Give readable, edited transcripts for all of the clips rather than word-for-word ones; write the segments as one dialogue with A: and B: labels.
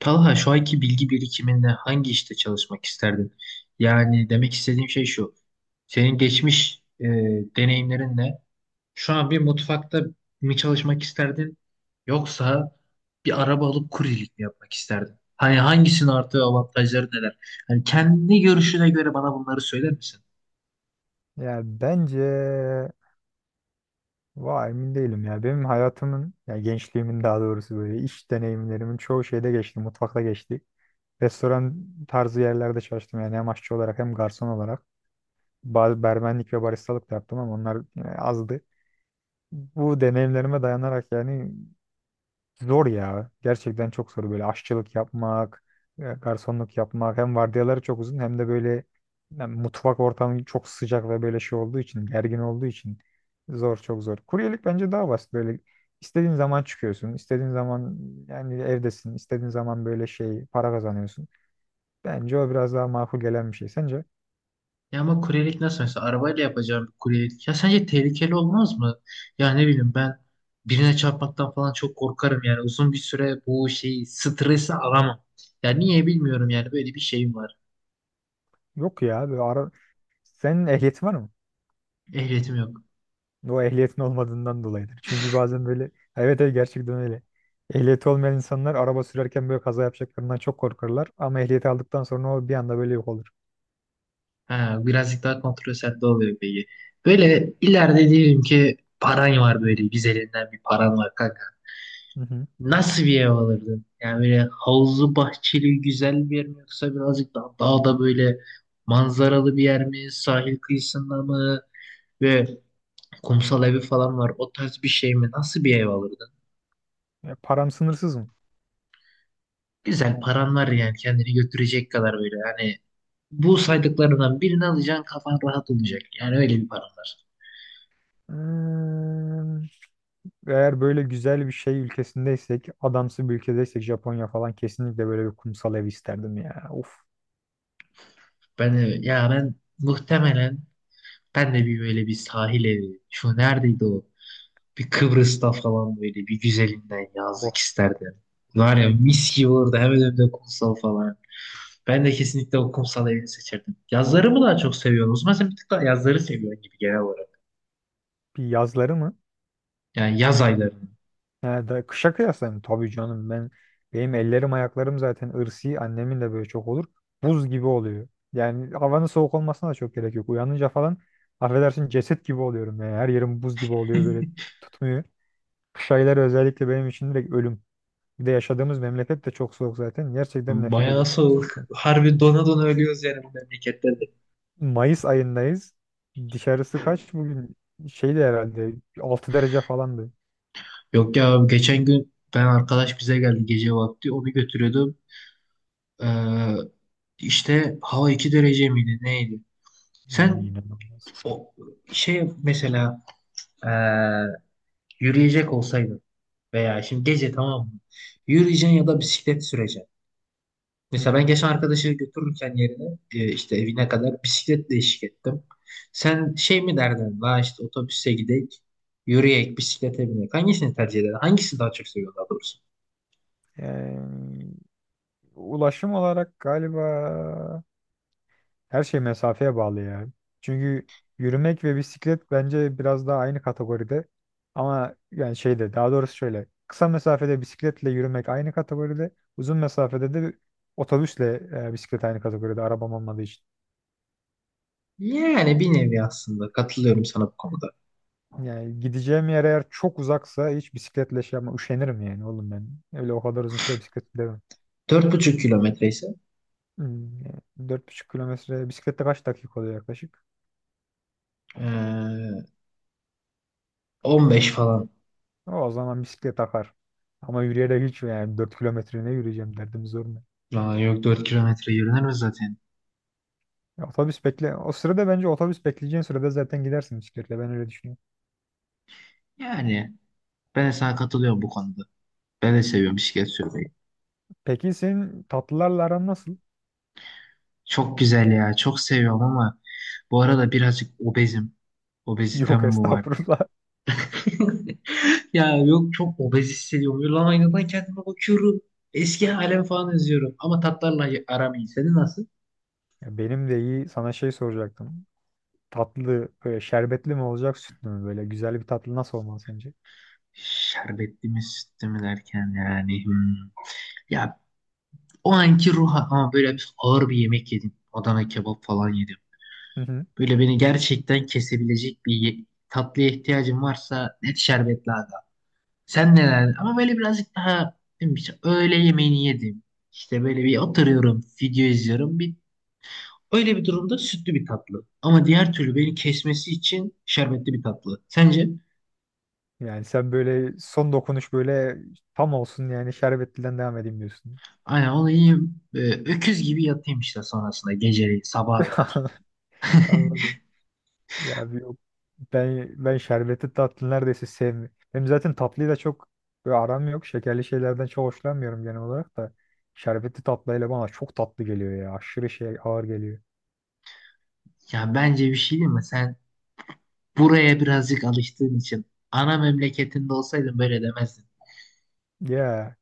A: Talha şu anki bilgi birikiminde hangi işte çalışmak isterdin? Yani demek istediğim şey şu. Senin geçmiş deneyimlerinle şu an bir mutfakta mı çalışmak isterdin? Yoksa bir araba alıp kuryelik mi yapmak isterdin? Hani hangisinin artı avantajları neler? Hani kendi görüşüne göre bana bunları söyler misin?
B: Ya bence vay emin değilim ya. Benim hayatımın ya gençliğimin daha doğrusu böyle iş deneyimlerimin çoğu şeyde geçti. Mutfakta geçti. Restoran tarzı yerlerde çalıştım yani hem aşçı olarak hem garson olarak. Barmenlik ve baristalık da yaptım ama onlar yani azdı. Bu deneyimlerime dayanarak yani zor ya. Gerçekten çok zor. Böyle aşçılık yapmak, garsonluk yapmak. Hem vardiyaları çok uzun hem de böyle yani mutfak ortamı çok sıcak ve böyle şey olduğu için, gergin olduğu için zor, çok zor. Kuryelik bence daha basit. Böyle istediğin zaman çıkıyorsun, istediğin zaman yani evdesin, istediğin zaman böyle şey para kazanıyorsun. Bence o biraz daha makul gelen bir şey. Sence?
A: Ya ama kuryelik nasıl mesela arabayla yapacağım bir kuryelik. Ya sence tehlikeli olmaz mı? Ya ne bileyim ben birine çarpmaktan falan çok korkarım yani uzun bir süre bu şeyi stresi alamam. Ya niye bilmiyorum yani böyle bir şeyim var.
B: Yok ya. Senin ehliyetin var mı?
A: Ehliyetim yok.
B: O ehliyetin olmadığından dolayıdır. Çünkü bazen böyle evet evet gerçekten öyle. Ehliyeti olmayan insanlar araba sürerken böyle kaza yapacaklarından çok korkarlar. Ama ehliyeti aldıktan sonra o bir anda böyle yok olur.
A: Ha, birazcık daha kontrol sende oluyor peki. Böyle ileride diyelim ki paran var böyle güzelinden bir paran var kanka.
B: Hı hı.
A: Nasıl bir ev alırdın? Yani böyle havuzlu bahçeli güzel bir yer mi yoksa birazcık daha dağda böyle manzaralı bir yer mi? Sahil kıyısında mı? Ve kumsal evi falan var. O tarz bir şey mi? Nasıl bir ev alırdın?
B: Ya, param sınırsız mı?
A: Güzel paran var yani kendini götürecek kadar böyle. Yani bu saydıklarından birini alacaksın kafan rahat olacak. Yani öyle bir paran var.
B: Hmm, Eğer böyle güzel bir şey ülkesindeysek, adamsı bir ülkedeysek Japonya falan kesinlikle böyle bir kumsal ev isterdim ya. Of,
A: Ya ben muhtemelen ben de bir böyle bir sahil evi. Şu neredeydi o? Bir Kıbrıs'ta falan böyle bir güzelinden yazlık
B: oh.
A: isterdim. Var ya mis gibi orada hemen önünde kumsal falan. Ben de kesinlikle o kumsal evini seçerdim. Yazları mı daha çok seviyorsun? O zaman sen bir tık daha yazları seviyorsun gibi genel olarak.
B: Bir yazları mı?
A: Yani yaz aylarını.
B: Yani da kışa kıyaslayayım tabii canım ben benim ellerim ayaklarım zaten ırsi annemin de böyle çok olur. Buz gibi oluyor. Yani havanın soğuk olmasına da çok gerek yok. Uyanınca falan affedersin ceset gibi oluyorum yani. Her yerim buz gibi oluyor böyle tutmuyor. Kış ayları özellikle benim için direkt ölüm. Bir de yaşadığımız memleket de çok soğuk zaten. Gerçekten nefret
A: Bayağı
B: ediyorum ben
A: soğuk.
B: soğuktan.
A: Harbi dona dona ölüyoruz yani bu memleketlerde.
B: Mayıs ayındayız. Dışarısı kaç bugün? Şeydi herhalde 6 derece falandı.
A: Yok ya abi, geçen gün ben arkadaş bize geldi gece vakti. Onu götürüyordum. Ee, işte hava 2 derece miydi neydi?
B: Yani
A: Sen
B: inanılmaz.
A: o şey mesela ee, Yürüyecek olsaydın veya şimdi gece tamam mı? Yürüyeceksin ya da bisiklet süreceksin.
B: Hı
A: Mesela ben
B: hı.
A: geçen arkadaşı götürürken yerine işte evine kadar bisikletle eşlik ettim. Sen şey mi derdin? La işte otobüse gidek, yürüyek, bisiklete binek. Hangisini tercih ederdin? Hangisi daha çok seviyorsun daha doğrusu?
B: Yani ulaşım olarak galiba her şey mesafeye bağlı ya. Çünkü yürümek ve bisiklet bence biraz daha aynı kategoride. Ama yani şeyde daha doğrusu şöyle. Kısa mesafede bisikletle yürümek aynı kategoride. Uzun mesafede de otobüsle bisiklet aynı kategoride arabam olmadığı için.
A: Yani bir nevi aslında katılıyorum sana bu konuda.
B: Yani gideceğim yer eğer çok uzaksa hiç bisikletle şey yapma üşenirim yani oğlum ben. Öyle o kadar uzun süre bisiklet gidemem.
A: 4,5 kilometre ise
B: Yani 4,5 kilometre bisikletle kaç dakika oluyor yaklaşık?
A: e, 15 falan.
B: O zaman bisiklet akar. Ama yürüyerek hiç yani 4 kilometre ne yürüyeceğim derdim zor mu?
A: Aa, yok 4 kilometre yürünür mü zaten?
B: Ya otobüs bekle. O sırada bence otobüs bekleyeceğin sırada zaten gidersin bisikletle. Ben öyle düşünüyorum.
A: Yani ben de sana katılıyorum bu konuda. Ben de seviyorum bisiklet sürmeyi.
B: Peki senin tatlılarla aran nasıl?
A: Çok güzel ya. Çok seviyorum ama bu arada birazcık obezim. Obezitem
B: Yok
A: mi var diye.
B: estağfurullah.
A: Ya yok çok obez hissediyorum. Böyle lan aynadan kendime bakıyorum. Eski halim falan izliyorum. Ama tatlarla aram iyi. Senin nasıl?
B: Ya benim de iyi. Sana şey soracaktım. Tatlı böyle şerbetli mi olacak sütlü mü böyle? Güzel bir tatlı nasıl olmalı sence?
A: Şerbetli mi sütlü mü derken yani. Hmm. Ya o anki ruh ama böyle bir ağır bir yemek yedim. Adana kebap falan yedim.
B: Hı hı.
A: Böyle beni gerçekten kesebilecek bir tatlıya ihtiyacım varsa net şerbet lazım. Sen neler? Ama böyle birazcık daha değil mi? İşte öğle yemeğini yedim. İşte böyle bir oturuyorum, video izliyorum. Bir, öyle bir durumda sütlü bir tatlı. Ama diğer türlü
B: Hmm.
A: beni kesmesi için şerbetli bir tatlı. Sence?
B: Yani sen böyle son dokunuş böyle tam olsun yani şerbetliden devam edeyim diyorsun.
A: Aynen onu yiyeyim. Öküz gibi yatayım işte sonrasında geceleri sabaha kadar.
B: Anladım. Ya abi yok. Ben şerbetli tatlı neredeyse sevmiyorum. Hem zaten tatlıyı da çok böyle aram yok. Şekerli şeylerden çok hoşlanmıyorum genel olarak da. Şerbetli tatlıyla bana çok tatlı geliyor ya. Aşırı şey ağır geliyor.
A: Ya bence bir şey değil mi? Sen buraya birazcık alıştığın için ana memleketinde olsaydın böyle demezdin.
B: Ya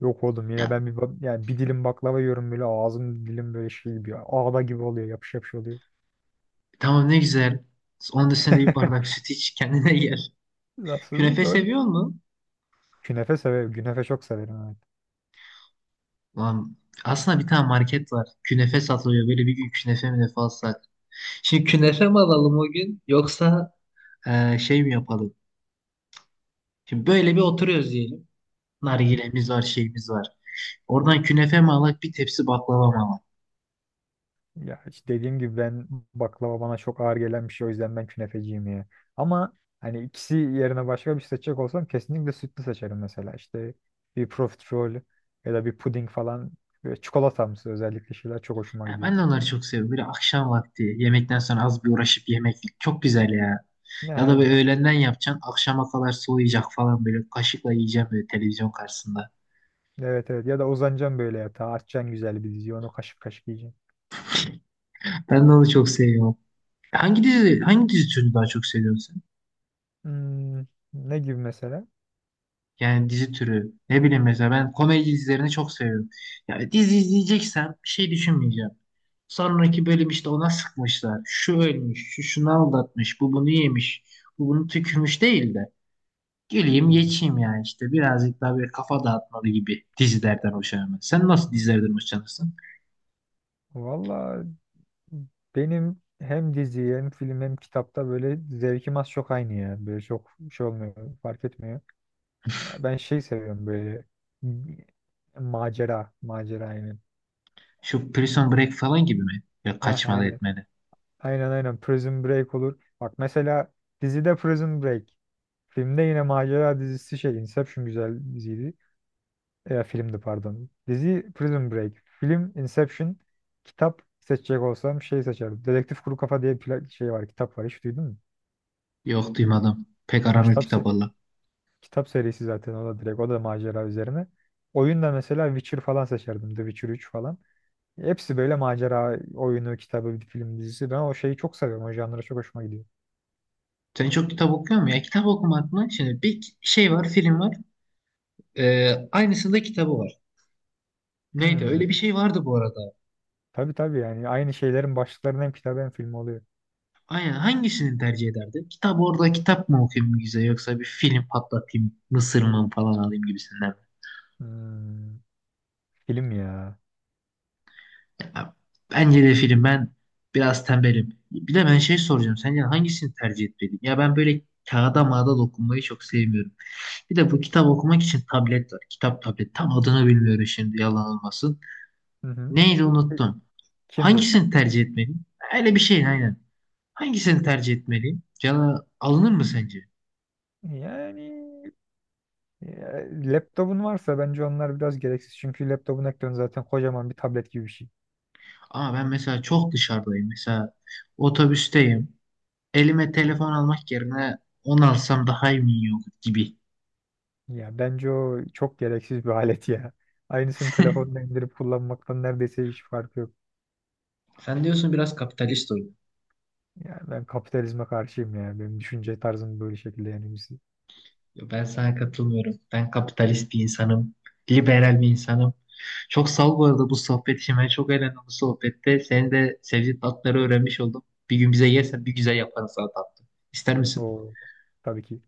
B: yok oğlum yine
A: Ya
B: ben bir yani bir dilim baklava yiyorum böyle ağzım dilim böyle şey gibi ağda gibi oluyor yapış yapış oluyor.
A: tamam ne güzel. Onun üstüne de bir bardak süt iç kendine gel.
B: Aslında
A: Künefe
B: doğru.
A: seviyor musun?
B: Künefe severim. Künefe çok severim evet.
A: Lan aslında bir tane market var. Künefe satılıyor. Böyle bir gün künefe münefe alsak. Şimdi künefe mi alalım o gün yoksa şey mi yapalım? Şimdi böyle bir oturuyoruz diyelim.
B: Hı hı.
A: Nargilemiz var, şeyimiz var. Oradan künefe mi alak, bir tepsi baklava mı alak?
B: Ya işte dediğim gibi ben baklava bana çok ağır gelen bir şey o yüzden ben künefeciyim ya. Ama hani ikisi yerine başka bir şey seçecek olsam kesinlikle sütlü seçerim mesela. İşte bir profiterol ya da bir puding falan ve çikolatamsı özellikle şeyler çok hoşuma
A: Ya
B: gidiyor.
A: ben de onları çok seviyorum. Böyle akşam vakti yemekten sonra az bir uğraşıp yemek çok güzel ya.
B: Ne
A: Ya da böyle
B: aynen.
A: öğlenden yapacaksın, akşama kadar soğuyacak falan böyle kaşıkla yiyeceğim böyle televizyon karşısında.
B: Evet evet ya da uzanacaksın böyle yatağa açacaksın güzel bir dizi onu kaşık kaşık yiyeceksin.
A: Ben de onu çok seviyorum. Hangi dizi türünü daha çok seviyorsun sen?
B: Hmm, ne gibi mesela?
A: Yani dizi türü. Ne bileyim mesela ben komedi dizilerini çok seviyorum. Yani dizi izleyeceksem bir şey düşünmeyeceğim. Sonraki bölüm işte ona sıkmışlar. Şu ölmüş, şu şunu aldatmış, bu bunu yemiş, bu bunu tükürmüş değil de. Geleyim
B: Hmm.
A: geçeyim yani işte birazcık daha böyle kafa dağıtmalı gibi dizilerden hoşlanıyorum. Sen nasıl dizilerden hoşlanırsın?
B: Vallahi benim hem dizi hem film hem kitapta böyle zevkim az çok aynı ya. Böyle çok şey olmuyor, fark etmiyor. Ya ben şey seviyorum böyle macera, macera aynen.
A: Şu Prison Break falan gibi mi? Ya
B: Heh,
A: kaçmalı
B: aynen.
A: etmeli.
B: Aynen aynen Prison Break olur. Bak mesela dizide Prison Break. Filmde yine macera dizisi şey Inception güzel diziydi. Ya filmdi pardon. Dizi Prison Break. Film Inception. Kitap seçecek olsam şey seçerim. Dedektif Kuru Kafa diye bir şey var, kitap var. Hiç duydun mu?
A: Yok duymadım. Pek
B: O
A: aram yok
B: kitap
A: kitap
B: se-
A: valla.
B: Kitap serisi zaten o da direkt o da macera üzerine. Oyunda mesela Witcher falan seçerdim. The Witcher 3 falan. Hepsi böyle macera oyunu, kitabı, film dizisi. Ben o şeyi çok seviyorum. O janra çok hoşuma gidiyor.
A: Sen çok kitap okuyor musun ya? Kitap okumak mı? Şimdi bir şey var, film var. Aynısında kitabı var. Neydi? Öyle bir
B: Hmm.
A: şey vardı bu arada.
B: Tabii tabii yani aynı şeylerin başlıklarının hem kitabı hem filmi oluyor.
A: Aynen. Hangisini tercih ederdin? Kitap orada kitap mı okuyayım güzel yoksa bir film patlatayım, mısır mı falan alayım gibisinden.
B: Hmm. Film ya.
A: Ya, bence de film. Ben biraz tembelim. Bir de ben şey soracağım. Sence hangisini tercih etmeliyim? Ya ben böyle kağıda mağda dokunmayı çok sevmiyorum. Bir de bu kitap okumak için tablet var. Kitap tablet. Tam adını bilmiyorum şimdi yalan olmasın.
B: Hı hı.
A: Neydi unuttum.
B: Kindle.
A: Hangisini tercih etmeliyim? Öyle bir şey aynen. Hangisini tercih etmeliyim? Cana alınır mı sence?
B: Yani ya, laptopun varsa bence onlar biraz gereksiz. Çünkü laptopun ekranı zaten kocaman bir tablet gibi bir şey.
A: Ama ben mesela çok dışarıdayım. Mesela otobüsteyim. Elime telefon almak yerine onu alsam daha iyi mi yok gibi.
B: Ya bence o çok gereksiz bir alet ya. Aynısını telefonla indirip kullanmaktan neredeyse hiç farkı yok.
A: Sen diyorsun biraz kapitalist oyun.
B: Yani ben kapitalizme karşıyım ya. Benim düşünce tarzım böyle şekilde yani biz
A: Yo, ben sana katılmıyorum. Ben kapitalist bir insanım. Liberal bir insanım. Çok sağ ol bu arada bu sohbet için. Ben çok eğlendim bu sohbette. Senin de sevdiğin tatları öğrenmiş oldum. Bir gün bize yersen bir güzel yaparız sana tatlı. İster misin?
B: o tabii ki